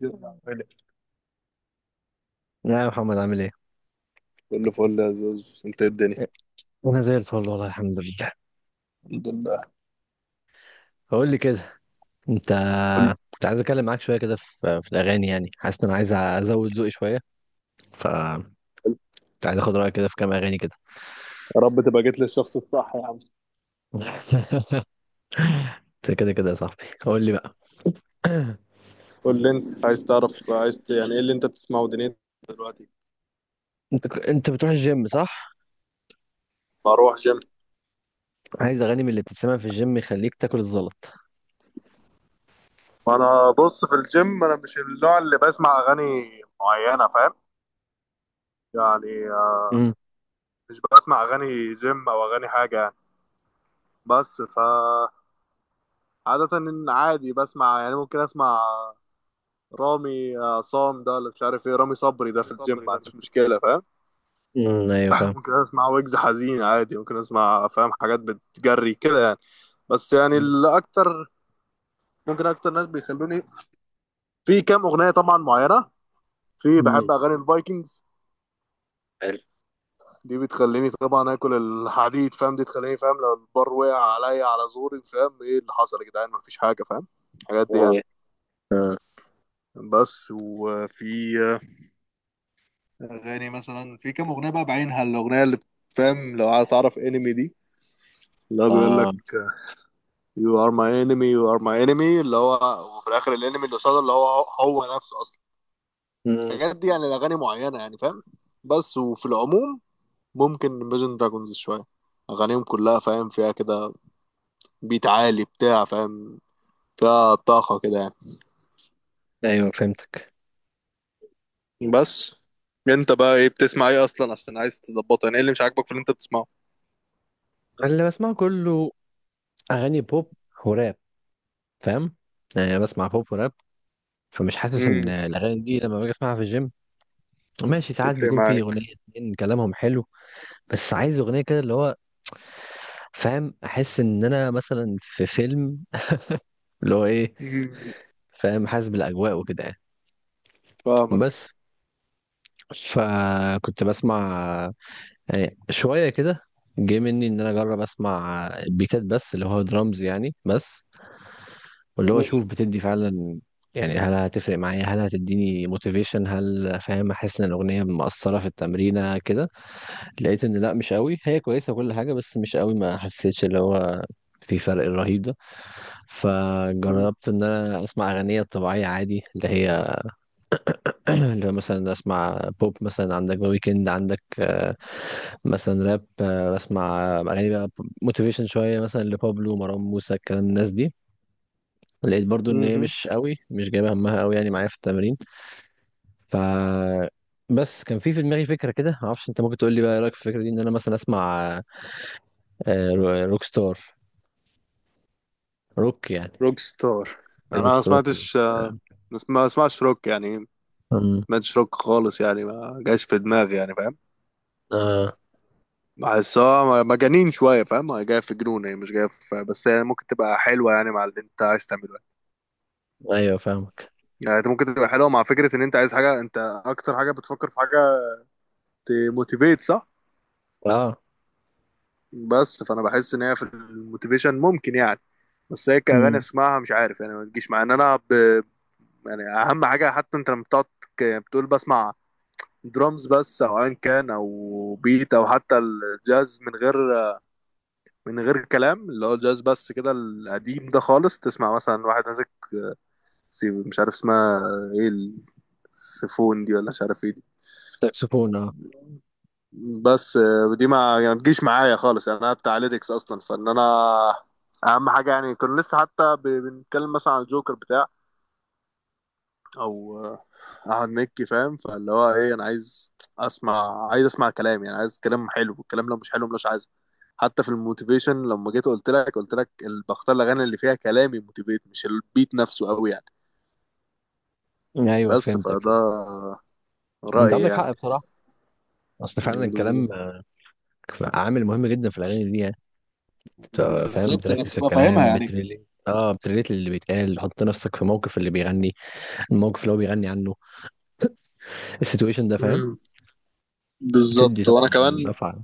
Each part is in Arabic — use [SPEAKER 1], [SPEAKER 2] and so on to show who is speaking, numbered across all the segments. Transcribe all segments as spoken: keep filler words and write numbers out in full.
[SPEAKER 1] يلا.
[SPEAKER 2] يا محمد، عامل ايه؟
[SPEAKER 1] كله فل يا زوز، انت إيه الدنيا؟
[SPEAKER 2] انا زي الفل والله، الحمد لله.
[SPEAKER 1] الحمد لله.
[SPEAKER 2] بقول لي كده. انت
[SPEAKER 1] قول-
[SPEAKER 2] كنت عايز اتكلم معاك شويه كده في في الاغاني، يعني حاسس ان انا عايز ازود ذوقي شويه. ف كنت عايز اخد رايك كده في كام اغاني كده.
[SPEAKER 1] يا رب تبقى جيت للشخص الصح يا عم.
[SPEAKER 2] انت كده كده يا صاحبي، قول لي بقى.
[SPEAKER 1] قول لي انت عايز تعرف، عايز ت- يعني ايه اللي انت بتسمعه دنيتك دلوقتي؟
[SPEAKER 2] انت ك- انت بتروح الجيم، صح؟
[SPEAKER 1] بروح جيم.
[SPEAKER 2] عايز اغاني من اللي بتتسمع في الجيم، يخليك تاكل الزلط.
[SPEAKER 1] انا بص، في الجيم انا مش النوع اللي بسمع اغاني معينه، فاهم يعني؟ آه،
[SPEAKER 2] امم.
[SPEAKER 1] مش بسمع اغاني جيم او اغاني حاجه يعني. بس ف عاده ان عادي بسمع، يعني ممكن اسمع رامي عصام، ده اللي مش عارف ايه، رامي صبري، ده في الجيم ما عنديش مشكله فاهم.
[SPEAKER 2] امم، ايوه فاهم.
[SPEAKER 1] ممكن اسمع ويجز حزين عادي، ممكن اسمع فاهم، حاجات بتجري كده يعني. بس يعني
[SPEAKER 2] مم.
[SPEAKER 1] الاكتر، ممكن اكتر ناس بيخلوني، في كام اغنيه طبعا معينه، في
[SPEAKER 2] مم.
[SPEAKER 1] بحب اغاني الفايكنجز.
[SPEAKER 2] حلو.
[SPEAKER 1] دي بتخليني طبعا اكل الحديد فاهم، دي تخليني فاهم لو البار وقع عليا على زوري، فاهم ايه اللي حصل يا جدعان؟ مفيش حاجه فاهم، الحاجات دي يعني.
[SPEAKER 2] يعني.
[SPEAKER 1] بس وفي اغاني مثلا، في كام اغنيه بقى بعينها، الاغنيه اللي فاهم لو تعرف انمي دي. لا بيقول
[SPEAKER 2] اه.
[SPEAKER 1] لك يو ار ماي انمي، يو ار ماي انمي، اللي هو وفي الاخر الانمي اللي قصاده اللي هو هو نفسه اصلا.
[SPEAKER 2] امم.
[SPEAKER 1] الحاجات دي، يعني الاغاني معينه يعني فاهم. بس وفي العموم، ممكن ميجن دراجونز شويه، اغانيهم كلها فاهم فيها كده، بيت عالي بتاع فاهم، فيها طاقه كده يعني.
[SPEAKER 2] ايوه فهمتك.
[SPEAKER 1] بس. انت بقى ايه بتسمع، ايه اصلا عشان عايز تظبطه، يعني ايه اللي مش عاجبك في اللي انت بتسمعه؟
[SPEAKER 2] أنا اللي بسمعه كله اغاني بوب وراب، فاهم؟ يعني أنا بسمع بوب وراب، فمش حاسس ان
[SPEAKER 1] امم
[SPEAKER 2] الاغاني دي لما باجي اسمعها في الجيم ماشي. ساعات
[SPEAKER 1] تفرق
[SPEAKER 2] بيكون في
[SPEAKER 1] معاك.
[SPEAKER 2] اغنيه اتنين كلامهم حلو، بس عايز اغنيه كده اللي هو، فاهم؟ احس ان انا مثلا في فيلم، اللي هو ايه،
[SPEAKER 1] امم
[SPEAKER 2] فاهم؟ حاسس بالاجواء وكده يعني.
[SPEAKER 1] فاهمك.
[SPEAKER 2] بس فكنت بسمع يعني شويه كده، جه مني ان انا اجرب اسمع بيتات بس، اللي هو درامز يعني بس، واللي هو اشوف بتدي فعلا يعني، هل هتفرق معايا؟ هل هتديني موتيفيشن؟ هل، فاهم، احس ان الاغنيه مأثره في التمرينه كده؟ لقيت ان لا، مش قوي، هي كويسه كل حاجه، بس مش قوي، ما حسيتش اللي هو في فرق الرهيب ده. فجربت ان انا اسمع اغنيه طبيعيه عادي اللي هي اللي هو مثلا اسمع بوب، مثلا عندك ذا ويكند، عندك، آه، مثلا راب، آه، بسمع اغاني بقى موتيفيشن شويه، مثلا لبابلو، مروان موسى، الكلام الناس دي. لقيت برضو ان هي
[SPEAKER 1] امم
[SPEAKER 2] مش قوي، مش جايبه همها قوي يعني معايا في التمرين. ف بس كان في في دماغي فكره كده، معرفش، انت ممكن تقول لي بقى ايه رايك في الفكره دي ان انا مثلا اسمع آه، رو- روك ستار، روك يعني،
[SPEAKER 1] روك ستار؟ انا ما
[SPEAKER 2] روك روك.
[SPEAKER 1] سمعتش، آه، ما اسمعش روك يعني،
[SPEAKER 2] امم.
[SPEAKER 1] ماتش روك خالص يعني، ما جاش في دماغي يعني فاهم.
[SPEAKER 2] اه.
[SPEAKER 1] بحسها مجانين شويه فاهم، هي جايه في جنون، هي مش جايه في، بس هي ممكن تبقى حلوه يعني مع اللي انت عايز تعمله يعني.
[SPEAKER 2] ايوه فاهمك.
[SPEAKER 1] يعني انت ممكن تبقى حلوه مع فكره ان انت عايز حاجه، انت اكتر حاجه بتفكر في حاجه تموتيفيت، صح؟
[SPEAKER 2] اه.
[SPEAKER 1] بس فانا بحس ان هي في الموتيفيشن ممكن يعني. بس هي كأغاني
[SPEAKER 2] امم.
[SPEAKER 1] اسمعها مش عارف يعني، ما تجيش مع ان انا ب... يعني اهم حاجه، حتى انت لما بتقعد ك- بتقول بسمع درامز بس، او ايا كان، او بيت، او حتى الجاز، من غير من غير كلام، اللي هو الجاز بس كده القديم ده خالص، تسمع مثلا واحد ماسك سي- مش عارف اسمها ايه، السيفون دي، ولا مش عارف ايه دي.
[SPEAKER 2] ساكسفون، اه.
[SPEAKER 1] بس آه، دي ما يعني ما تجيش معايا خالص يعني، انا بتاع ليركس اصلا، فان انا اهم حاجه يعني. كنا لسه حتى ب- بنتكلم مثلا عن الجوكر بتاع، او احمد مكي فاهم، فاللي هو ايه، انا عايز اسمع، عايز اسمع كلام يعني، عايز كلام حلو، الكلام لو مش حلو مش عايزه. حتى في الموتيفيشن لما جيت قلت لك، قلت لك ال- بختار الاغاني اللي فيها كلام يموتيفيت، مش البيت نفسه قوي يعني.
[SPEAKER 2] ايوه
[SPEAKER 1] بس
[SPEAKER 2] فهمتك،
[SPEAKER 1] فده
[SPEAKER 2] فهمت. ما انت
[SPEAKER 1] رايي
[SPEAKER 2] عندك
[SPEAKER 1] يعني.
[SPEAKER 2] حق بصراحه، اصل فعلا الكلام
[SPEAKER 1] بالظبط.
[SPEAKER 2] عامل مهم جدا في الاغاني دي يعني. ف- فاهم،
[SPEAKER 1] بالظبط، انك
[SPEAKER 2] بتركز في
[SPEAKER 1] تبقى فاهمها
[SPEAKER 2] الكلام،
[SPEAKER 1] يعني.
[SPEAKER 2] بتريليت اه بتريليت اللي بيتقال، حط نفسك في موقف اللي بيغني، الموقف اللي هو بيغني عنه، السيتويشن ده، فاهم؟
[SPEAKER 1] مم.
[SPEAKER 2] بتدي
[SPEAKER 1] بالظبط،
[SPEAKER 2] طبعا
[SPEAKER 1] وانا كمان
[SPEAKER 2] دفعه.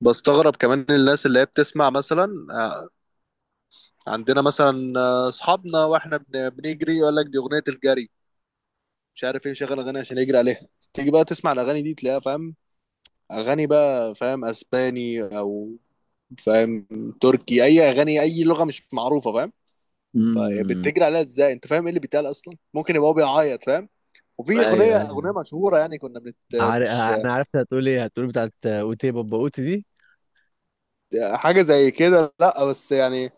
[SPEAKER 1] بستغرب كمان الناس اللي هي بتسمع، مثلا آه، عندنا مثلا، آه، اصحابنا واحنا بن- بنجري يقول لك دي اغنيه الجري، مش عارف ايه، مشغل اغاني عشان يجري عليها. تيجي بقى تسمع الاغاني دي تلاقيها فاهم، اغاني بقى فاهم اسباني، او فاهم تركي، اي اغاني، اي لغه مش معروفه فاهم.
[SPEAKER 2] امم.
[SPEAKER 1] فبتجري عليها ازاي؟ انت فاهم ايه اللي بيتقال اصلا؟ ممكن يبقى هو بيعيط فاهم.
[SPEAKER 2] ايوه،
[SPEAKER 1] وفي اغنيه
[SPEAKER 2] ايوه
[SPEAKER 1] اغنيه مشهوره يعني، كنا بنت
[SPEAKER 2] عارف.
[SPEAKER 1] مش
[SPEAKER 2] انا عارف انت هتقول ايه، هتقول بتاعت اوتي بابا اوتي دي.
[SPEAKER 1] حاجه زي كده، لا، بس يعني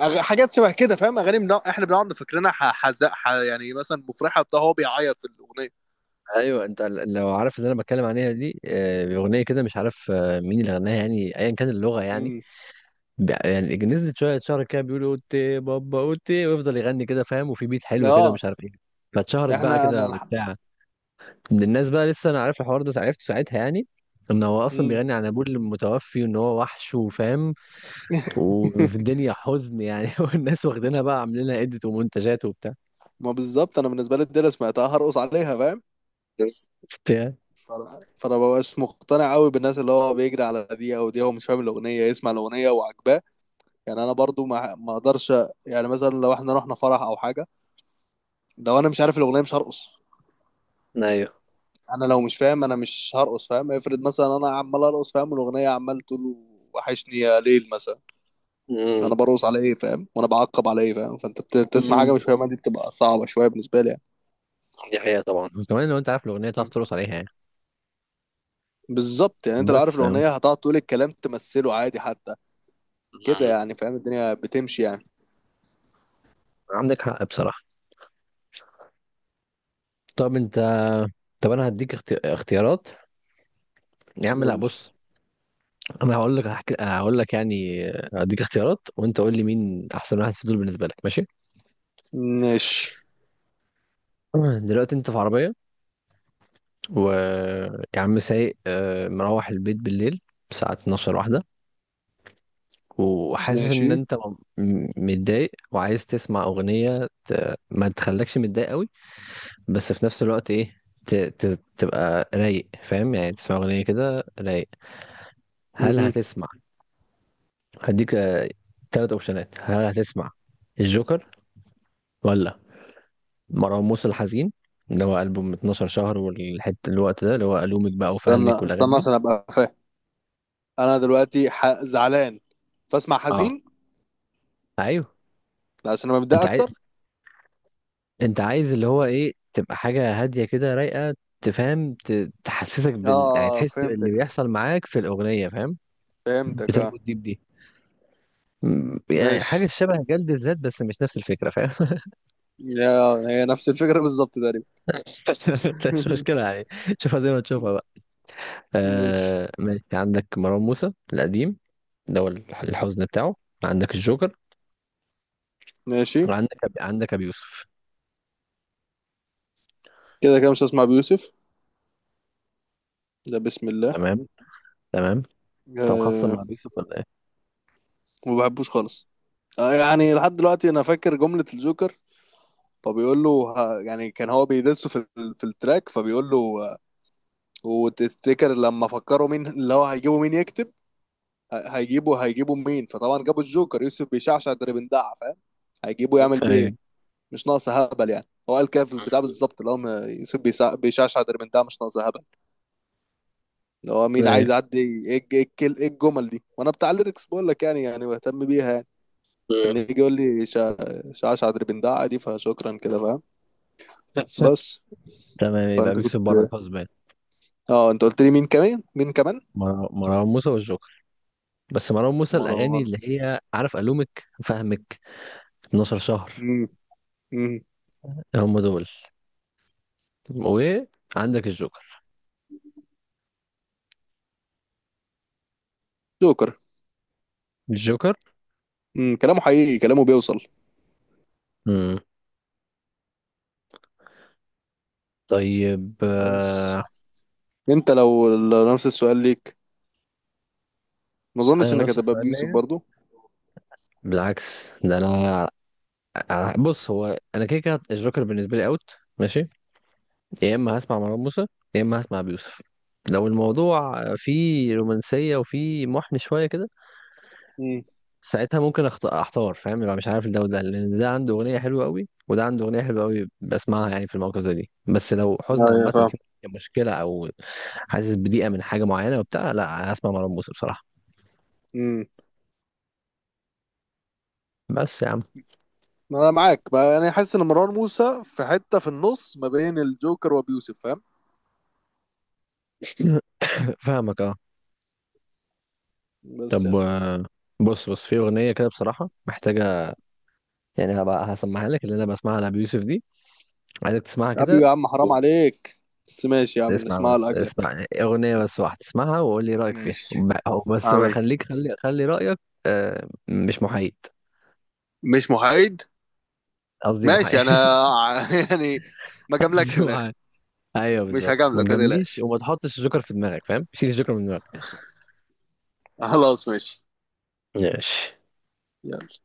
[SPEAKER 1] أغ... حاجات شبه كده فاهم، اغاني بنا... احنا بنقعد فاكرينها، ح... حزق، ح... يعني مثلا مفرحه بتاع، هو بيعيط في الاغنيه.
[SPEAKER 2] ايوه، انت ل- لو عارف اللي انا بتكلم عليها دي، آه، اغنيه كده مش عارف آه، مين اللي غناها، يعني ايا كان اللغه يعني.
[SPEAKER 1] امم.
[SPEAKER 2] ب- يعني نزلت شويه شهر كده بيقولوا اوتي بابا اوتي، ويفضل يغني كده، فاهم؟ وفي بيت حلو كده،
[SPEAKER 1] اه.
[SPEAKER 2] ومش عارف ايه. فاتشهرت بقى
[SPEAKER 1] احنا انا
[SPEAKER 2] كده
[SPEAKER 1] الحق.
[SPEAKER 2] وبتاع من الناس بقى. لسه انا عارف الحوار ده عرفته ساعتها يعني، ان هو اصلا
[SPEAKER 1] امم.
[SPEAKER 2] بيغني عن ابوه المتوفي، وان هو وحش وفاهم، وفي الدنيا حزن يعني. والناس واخدينها بقى، عاملين لها إديت ومنتجات وبتاع،
[SPEAKER 1] ما بالظبط، انا بالنسبه لي الدنيا سمعتها هرقص عليها فاهم.
[SPEAKER 2] بتاع.
[SPEAKER 1] فانا فأنا مبقاش مقتنع قوي بالناس، اللي هو بيجري على دي او دي، هو مش فاهم الاغنيه، يسمع الاغنيه وعجباه يعني. انا برضو ما ما اقدرش، يعني مثلا لو احنا رحنا فرح او حاجه، لو انا مش عارف الاغنيه مش هرقص.
[SPEAKER 2] ايوه.
[SPEAKER 1] انا لو مش فاهم انا مش هرقص فاهم، افرض مثلا انا عمال ارقص فاهم، الاغنيه عمال تقول وحشني يا ليل مثلا،
[SPEAKER 2] امم.
[SPEAKER 1] انا برقص على ايه فاهم؟ وانا بعقب على ايه فاهم؟ فانت بت- بتسمع حاجه
[SPEAKER 2] أمم.
[SPEAKER 1] مش فاهمها، دي بتبقى صعبه شويه بالنسبه لي يعني.
[SPEAKER 2] دي حقيقة طبعا، وكمان لو انت عارف الاغنيه تعرف
[SPEAKER 1] م.
[SPEAKER 2] ترقص عليها يعني.
[SPEAKER 1] بالظبط يعني، انت لو عارف
[SPEAKER 2] بس يعني.
[SPEAKER 1] الاغنيه هتقعد تقول الكلام، تمثله عادي حتى كده
[SPEAKER 2] أمم.
[SPEAKER 1] يعني فاهم، الدنيا بتمشي يعني.
[SPEAKER 2] عندك حق بصراحه. طب انت، طب انا هديك اخت... اختيارات. يا عم لا،
[SPEAKER 1] نقول.
[SPEAKER 2] بص، انا هقول لك، هحكي، هقول لك يعني، هديك اختيارات وانت قول لي مين احسن واحد في دول بالنسبه لك، ماشي؟
[SPEAKER 1] ماشي.
[SPEAKER 2] دلوقتي انت في عربيه، و يا عم سايق، آه، مروح البيت بالليل الساعه 12 واحده، وحاسس ان
[SPEAKER 1] ماشي.
[SPEAKER 2] انت م- متضايق، وعايز تسمع اغنيه ت... ما تخلكش متضايق قوي، بس في نفس الوقت ايه، ت... ت... تبقى رايق، فاهم يعني؟ تسمع اغنيه كده رايق. هل
[SPEAKER 1] مهم.
[SPEAKER 2] هتسمع؟ هديك ثلاث اوبشنات، هل هتسمع الجوكر، ولا مروان موسى الحزين اللي هو ألبوم 12 شهر والحته الوقت ده اللي هو ألومك بقى وفهمك
[SPEAKER 1] استنى
[SPEAKER 2] والاغاني
[SPEAKER 1] استنى
[SPEAKER 2] دي؟
[SPEAKER 1] عشان ابقى فاهم، انا دلوقتي ح... زعلان، فاسمع
[SPEAKER 2] اه،
[SPEAKER 1] حزين
[SPEAKER 2] ايوه.
[SPEAKER 1] عشان ابقى متضايق
[SPEAKER 2] انت
[SPEAKER 1] اكتر.
[SPEAKER 2] انت عايز اللي هو ايه، تبقى حاجة هادية كده رايقة، تفهم، ت- تحسسك بال، يعني
[SPEAKER 1] اه
[SPEAKER 2] تحس باللي
[SPEAKER 1] فهمتك،
[SPEAKER 2] بيحصل معاك في الأغنية، فاهم؟
[SPEAKER 1] فهمتك اه.
[SPEAKER 2] بتربط دي بدي. م- يعني
[SPEAKER 1] ماشي.
[SPEAKER 2] حاجة شبه جلد الذات، بس مش نفس الفكرة، فاهم؟
[SPEAKER 1] يا هي نفس الفكرة بالظبط تقريبا.
[SPEAKER 2] مش مشكلة يعني، شوفها زي ما تشوفها بقى.
[SPEAKER 1] ماشي.
[SPEAKER 2] آه ماشي، عندك مروان موسى القديم، ده هو الح- الحزن بتاعه، عندك الجوكر،
[SPEAKER 1] ماشي.
[SPEAKER 2] وعندك عندك أبي يوسف.
[SPEAKER 1] كده كده مش هسمع بيوسف، ده بسم الله.
[SPEAKER 2] تمام، تمام. انت مخصم
[SPEAKER 1] أه.
[SPEAKER 2] مع أبي يوسف ولا ايه؟
[SPEAKER 1] ما بحبوش خالص. أه يعني، لحد دلوقتي انا فاكر جملة الجوكر، فبيقول له ه- يعني كان هو بيدسه في ال- في التراك، فبيقول له، آه، وتفتكر لما فكروا مين اللي هو هيجيبوا، مين يكتب؟ ه- هيجيبوا هيجيبوا مين؟ فطبعا جابوا الجوكر، يوسف بيشعشع اللي بندع فاهم، هيجيبوا يعمل بيه ايه؟
[SPEAKER 2] ايوه،
[SPEAKER 1] مش ناقص هبل يعني، هو قال كده في البتاع بالظبط، اللي هو م- يوسف بيسع- بيشعشع اللي بندع، مش ناقص هبل، اللي هو مين
[SPEAKER 2] ايوه.
[SPEAKER 1] عايز يعدي؟ ايه الج- إيه الكل- إيه الجمل دي؟ وانا بتاع الليركس بقول لك، يعني يعني بهتم بيها يعني، فان يجي يقول لي شع- شعشع دربندعة دي، فشكرا كده فاهم. بس.
[SPEAKER 2] تمام، يبقى
[SPEAKER 1] فانت
[SPEAKER 2] بيكسب بره
[SPEAKER 1] كنت،
[SPEAKER 2] الحزب.
[SPEAKER 1] اه انت قلت لي مين كمان مين كمان؟
[SPEAKER 2] مر- مروان موسى والجوكر. بس مروان موسى الأغاني
[SPEAKER 1] مروان.
[SPEAKER 2] اللي هي، عارف، ألومك فهمك 12 شهر،
[SPEAKER 1] امم. امم.
[SPEAKER 2] هم دول. وعندك الجوكر،
[SPEAKER 1] جوكر.
[SPEAKER 2] الجوكر.
[SPEAKER 1] امم كلامه حقيقي، كلامه بيوصل.
[SPEAKER 2] مم. طيب،
[SPEAKER 1] بس
[SPEAKER 2] آه،
[SPEAKER 1] انت لو لو نفس السؤال ليك، ما اظنش
[SPEAKER 2] أنا
[SPEAKER 1] انك
[SPEAKER 2] نفس
[SPEAKER 1] هتبقى
[SPEAKER 2] السؤال
[SPEAKER 1] بيوسف
[SPEAKER 2] ليا.
[SPEAKER 1] برضو.
[SPEAKER 2] بالعكس ده أنا، ع- بص، هو أنا كده كده الجوكر بالنسبة لي أوت، ماشي. يا إما هسمع مروان موسى، يا إما هسمع أبي يوسف. لو الموضوع فيه رومانسية وفيه محن شوية كده،
[SPEAKER 1] امم،
[SPEAKER 2] ساعتها ممكن أخت- احتار، فاهم؟ يبقى مش عارف ده وده، لان ده عنده اغنيه حلوه قوي وده عنده اغنيه حلوه قوي بسمعها يعني في المواقف زي دي. بس لو حزن
[SPEAKER 1] ايوه
[SPEAKER 2] عامه
[SPEAKER 1] فاهم.
[SPEAKER 2] في مشكله، او حاسس بضيقه من حاجه معينه وبتاع، لا هسمع مروان موسى بصراحه.
[SPEAKER 1] امم.
[SPEAKER 2] بس يا عم.
[SPEAKER 1] انا معاك بقى، انا حاسس ان مروان موسى في حته في النص ما بين الجوكر وبيوسف فاهم.
[SPEAKER 2] فاهمك، اه.
[SPEAKER 1] بس
[SPEAKER 2] طب،
[SPEAKER 1] يعني.
[SPEAKER 2] آه، بص، بص، في اغنيه كده بصراحه محتاجه، يعني هبقى هسمعها لك، اللي انا بسمعها لابي يوسف دي، عايزك تسمعها
[SPEAKER 1] يا عم
[SPEAKER 2] كده.
[SPEAKER 1] يا عم حرام عليك. بس ماشي يا عم
[SPEAKER 2] اسمع
[SPEAKER 1] نسمعها
[SPEAKER 2] بس،
[SPEAKER 1] لاجلك.
[SPEAKER 2] اسمع اغنيه بس واحده، اسمعها وقول لي رايك فيها، ب-
[SPEAKER 1] ماشي.
[SPEAKER 2] أو بس بقى
[SPEAKER 1] عمي.
[SPEAKER 2] خليك، خلي خلي رايك. آه، مش محايد.
[SPEAKER 1] مش محايد.
[SPEAKER 2] قصدي
[SPEAKER 1] ماشي انا.
[SPEAKER 2] محايد.
[SPEAKER 1] يعني ما جاملكش
[SPEAKER 2] قصدي
[SPEAKER 1] من الاخر.
[SPEAKER 2] محايد. ايوه
[SPEAKER 1] مش
[SPEAKER 2] بالظبط، ما
[SPEAKER 1] هجاملك ما
[SPEAKER 2] تجامليش
[SPEAKER 1] تقلقش.
[SPEAKER 2] وما تحطش الجوكر في دماغك، فاهم؟ شيل الجوكر من دماغك.
[SPEAKER 1] خلاص ماشي.
[SPEAKER 2] ماشي
[SPEAKER 1] يلا.